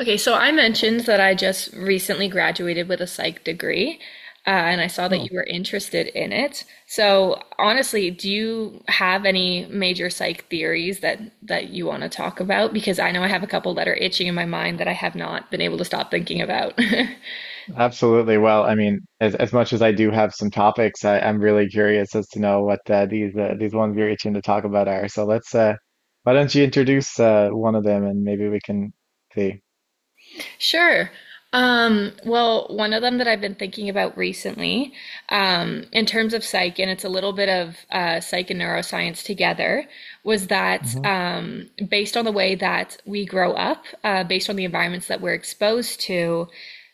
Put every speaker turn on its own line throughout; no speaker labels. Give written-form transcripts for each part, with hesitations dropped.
Okay, so I mentioned that I just recently graduated with a psych degree, and I saw that you
Oh,
were interested in it. So honestly, do you have any major psych theories that you want to talk about? Because I know I have a couple that are itching in my mind that I have not been able to stop thinking about.
absolutely. Well, I mean, as much as I do have some topics, I'm really curious as to know what these ones you're itching to talk about are. So let's why don't you introduce one of them and maybe we can see.
Sure. Well, one of them that I've been thinking about recently, in terms of psych, and it's a little bit of psych and neuroscience together, was that
hmm
based on the way that we grow up, based on the environments that we're exposed to,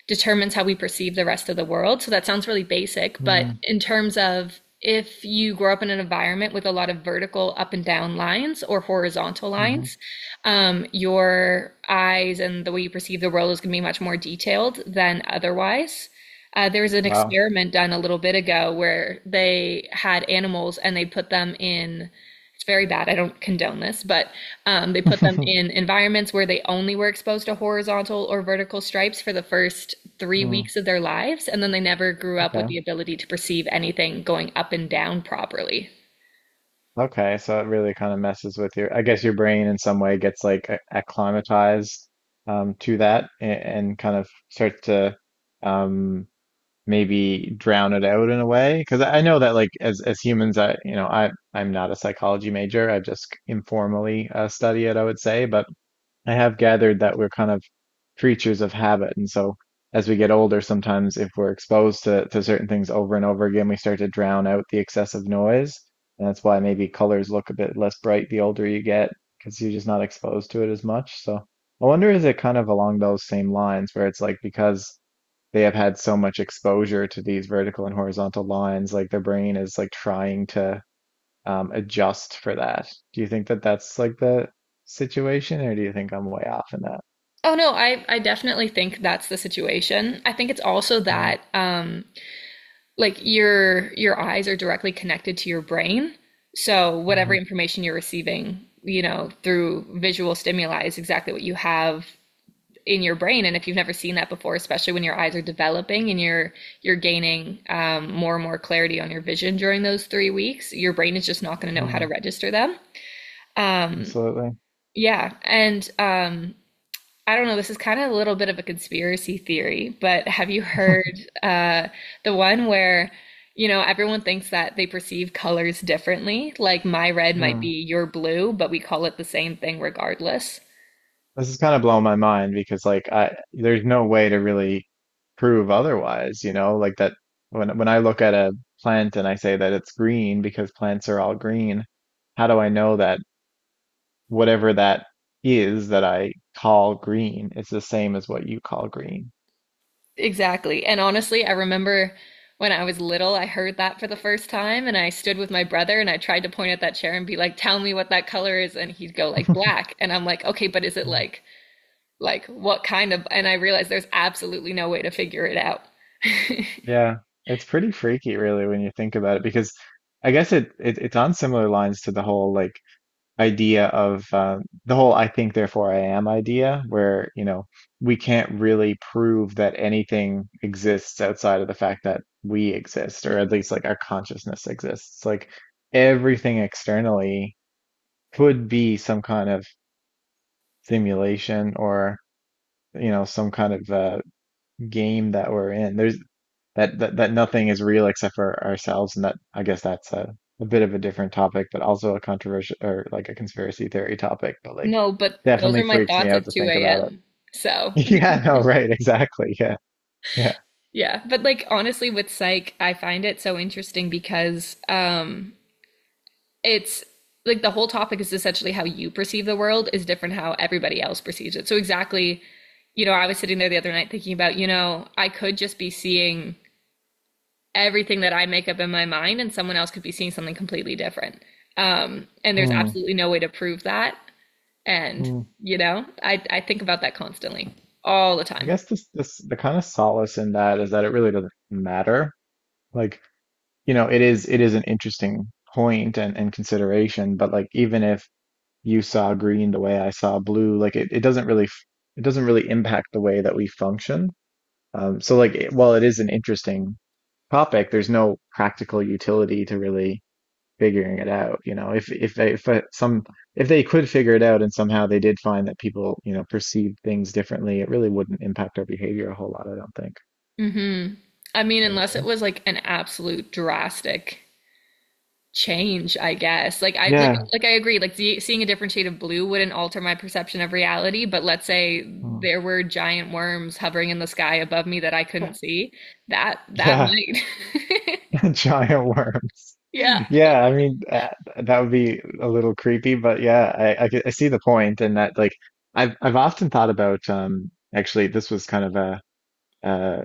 determines how we perceive the rest of the world. So that sounds really basic, but in terms of if you grow up in an environment with a lot of vertical up and down lines or horizontal
Mm-hmm.
lines, your eyes and the way you perceive the world is going to be much more detailed than otherwise. There was an
Wow.
experiment done a little bit ago where they had animals and they put them in, it's very bad, I don't condone this, but they put them in environments where they only were exposed to horizontal or vertical stripes for the first three
Mm,
weeks of their lives, and then they never grew up with
okay.
the ability to perceive anything going up and down properly.
Okay. So it really kind of messes with your, I guess your brain in some way gets like acclimatized to that and kind of starts to um, maybe drown it out in a way because I know that like as humans, I, you know, I'm not a psychology major, I just informally study it, I would say. But I have gathered that we're kind of creatures of habit, and so as we get older, sometimes if we're exposed to certain things over and over again, we start to drown out the excessive noise, and that's why maybe colors look a bit less bright the older you get, because you're just not exposed to it as much. So I wonder, is it kind of along those same lines where it's like, because they have had so much exposure to these vertical and horizontal lines, like their brain is like trying to adjust for that. Do you think that that's like the situation, or do you think I'm way off in that?
Oh no, I definitely think that's the situation. I think it's also
Mm,
that like your eyes are directly connected to your brain. So whatever
mm,
information you're receiving, you know, through visual stimuli is exactly what you have in your brain. And if you've never seen that before, especially when your eyes are developing and you're gaining more and more clarity on your vision during those 3 weeks, your brain is just not going to know how to
mm,
register them.
absolutely.
Yeah, and I don't know, this is kind of a little bit of a conspiracy theory, but have you heard the one where, you know, everyone thinks that they perceive colors differently? Like my red might be
Mm.
your blue, but we call it the same thing regardless.
This is kind of blowing my mind because like, I, there's no way to really prove otherwise, you know, like that when I look at a plant and I say that it's green because plants are all green, how do I know that whatever that is that I call green is the same as what you call green.
Exactly. And honestly, I remember when I was little, I heard that for the first time, and I stood with my brother and I tried to point at that chair and be like, "Tell me what that color is," and he'd go like black, and I'm like, "Okay, but is it
Mm.
like what kind of?" And I realized there's absolutely no way to figure it out.
Yeah, it's pretty freaky really when you think about it, because I guess it it's on similar lines to the whole like idea of the whole "I think therefore I am" idea, where you know we can't really prove that anything exists outside of the fact that we exist, or at least like our consciousness exists. Like everything externally could be some kind of simulation, or you know, some kind of game that we're in. There's that nothing is real except for ourselves, and that, I guess that's a bit of a different topic, but also a controversial or like a conspiracy theory topic. But like,
No, but those
definitely
are my
freaks me
thoughts
out
at
to think
2
about it.
a.m. So,
Yeah, no, right, exactly. Yeah, yeah.
yeah. But like honestly with psych, I find it so interesting because it's like the whole topic is essentially how you perceive the world is different how everybody else perceives it. So exactly, you know, I was sitting there the other night thinking about, you know, I could just be seeing everything that I make up in my mind and someone else could be seeing something completely different. And there's
Mm,
absolutely no way to prove that, and
mm.
you know, I think about that constantly all the
I
time.
guess this the kind of solace in that is that it really doesn't matter. Like, you know, it is an interesting point and consideration, but like, even if you saw green the way I saw blue. Like it doesn't really it doesn't really impact the way that we function. So like while it is an interesting topic, there's no practical utility to really figuring it out. You know, if they could figure it out and somehow they did find that people, you know, perceive things differently, it really wouldn't impact our behavior a whole lot. I don't think.
Mm-hmm. I mean, unless it
Yeah.
was like an absolute drastic change, I guess.
Yeah.
Like I agree. Like seeing a different shade of blue wouldn't alter my perception of reality, but let's say
Hmm.
there were giant worms hovering in the sky above me that I couldn't see. That
Yeah.
might.
Giant worms.
Yeah.
Yeah, I mean that would be a little creepy. But yeah, I see the point, and that like I've often thought about actually this was kind of a uh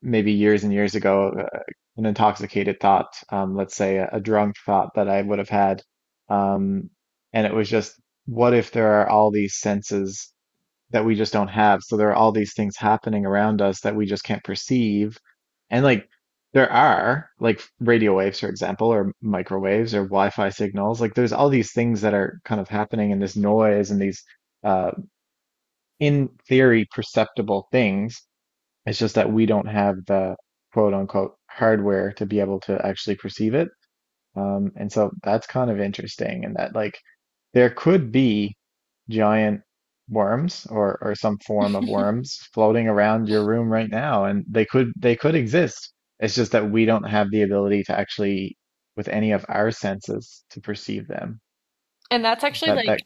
maybe years and years ago, an intoxicated thought, let's say a drunk thought that I would have had, um and it was just, what if there are all these senses that we just don't have? So there are all these things happening around us that we just can't perceive. And like there are like radio waves, for example, or microwaves or Wi-Fi signals. Like there's all these things that are kind of happening in this noise, and these uh, in theory perceptible things. It's just that we don't have the quote unquote hardware to be able to actually perceive it. And so that's kind of interesting, and that like there could be giant or some form of worms floating around your room right now, and they could exist. It's just that we don't have the ability to actually, with any of our senses, to perceive them.
And that's actually
That
like
that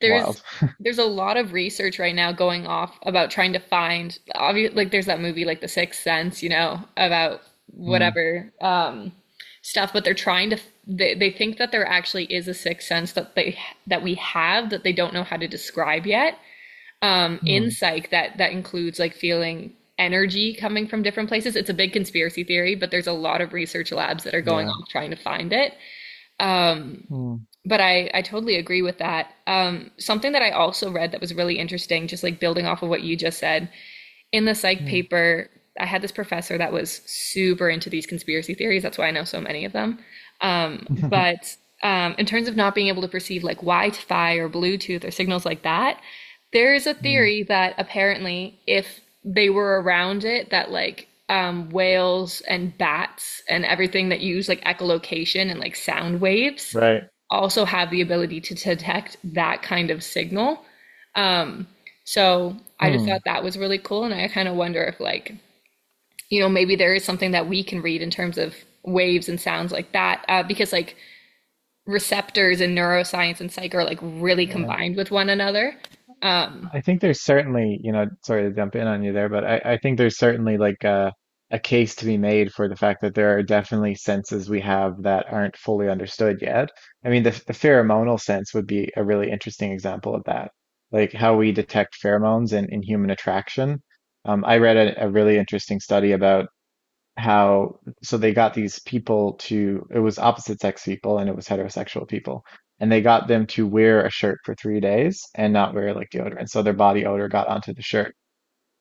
there's
wild.
there's a lot of research right now going off about trying to find obvious like there's that movie like The Sixth Sense, you know, about
Mm,
whatever stuff, but they're trying to they think that there actually is a sixth sense that they that we have that they don't know how to describe yet,
mm,
in psych, that includes like feeling energy coming from different places. It's a big conspiracy theory, but there's a lot of research labs that are going
yeah.
on trying to find it.
Mm,
But I totally agree with that. Something that I also read that was really interesting, just like building off of what you just said, in the psych
mm,
paper, I had this professor that was super into these conspiracy theories. That's why I know so many of them. But in terms of not being able to perceive like Wi-Fi or Bluetooth or signals like that, there is a
mm,
theory that apparently if they were around it, that like whales and bats and everything that use like echolocation and like sound waves
right.
also have the ability to detect that kind of signal. So I just thought
Mm,
that was really cool, and I kind of wonder if like you know maybe there is something that we can read in terms of waves and sounds like that, because like receptors in neuroscience and psych are like really
yeah.
combined with one another.
I think there's certainly, you know, sorry to jump in on you there, but I think there's certainly like a case to be made for the fact that there are definitely senses we have that aren't fully understood yet. I mean, the pheromonal sense would be a really interesting example of that, like how we detect pheromones in human attraction. I read a really interesting study about how so they got these people to, it was opposite sex people and it was heterosexual people, and they got them to wear a shirt for 3 days and not wear like deodorant, so their body odor got onto the shirt.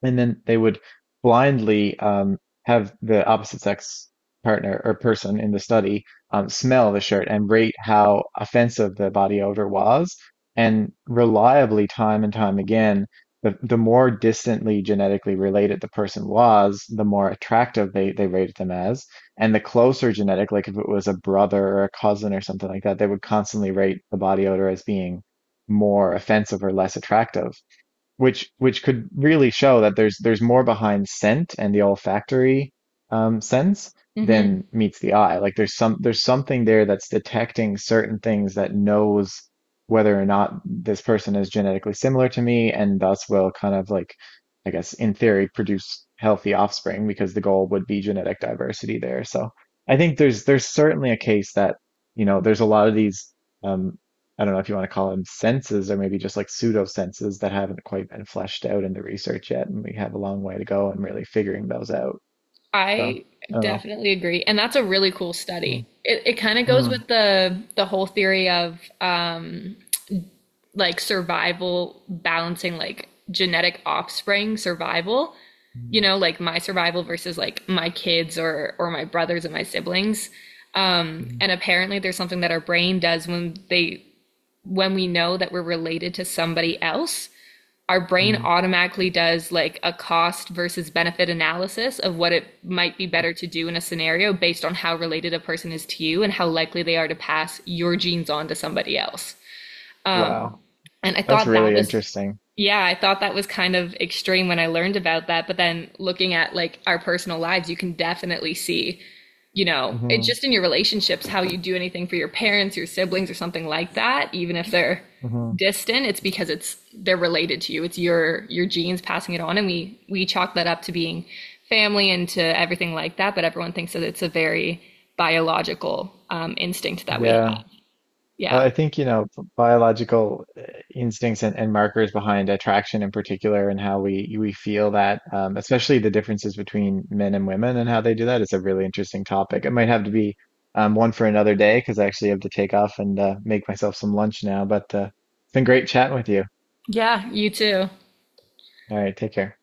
And then they would blindly have the opposite sex partner or person in the study smell the shirt and rate how offensive the body odor was. And reliably, time and time again, the more distantly genetically related the person was, the more attractive they rated them as. And the closer genetic, like if it was a brother or a cousin or something like that, they would constantly rate the body odor as being more offensive or less attractive, which could really show that there's more behind scent and the olfactory sense
Mm-hmm.
than meets the eye. Like there's something there that's detecting certain things, that knows whether or not this person is genetically similar to me, and thus will kind of like, I guess in theory, produce healthy offspring, because the goal would be genetic diversity there. So I think there's certainly a case that, you know, there's a lot of these. Um, I don't know if you want to call them senses, or maybe just like pseudo senses that haven't quite been fleshed out in the research yet, and we have a long way to go in really figuring those out. So
I
I don't know.
definitely agree. And that's a really cool study.
Mm,
It kind of goes
mm,
with the whole theory of like survival, balancing like genetic offspring survival, you know, like my survival versus like my kids or my brothers and my siblings.
mm,
And apparently there's something that our brain does when they when we know that we're related to somebody else, our brain
mm,
automatically does like a cost versus benefit analysis of what it might be
mm.
better to do in a scenario based on how related a person is to you and how likely they are to pass your genes on to somebody else.
Wow,
And I
that's
thought that
really
was,
interesting.
yeah, I thought that was kind of extreme when I learned about that. But then looking at like our personal lives, you can definitely see, you know, it's
hmm
just in your relationships, how you do anything for your parents, your siblings, or something like that, even if they're
hmm
distant, it's because it's they're related to you. It's your genes passing it on, and we chalk that up to being family and to everything like that. But everyone thinks that it's a very biological instinct that we have.
Yeah.
Yeah,
I think, you know, biological instincts and markers behind attraction in particular, and how we feel that, especially the differences between men and women and how they do that, is a really interesting topic. It might have to be one for another day, because I actually have to take off and make myself some lunch now. But it's been great chatting with you.
yeah, you too.
All right, take care.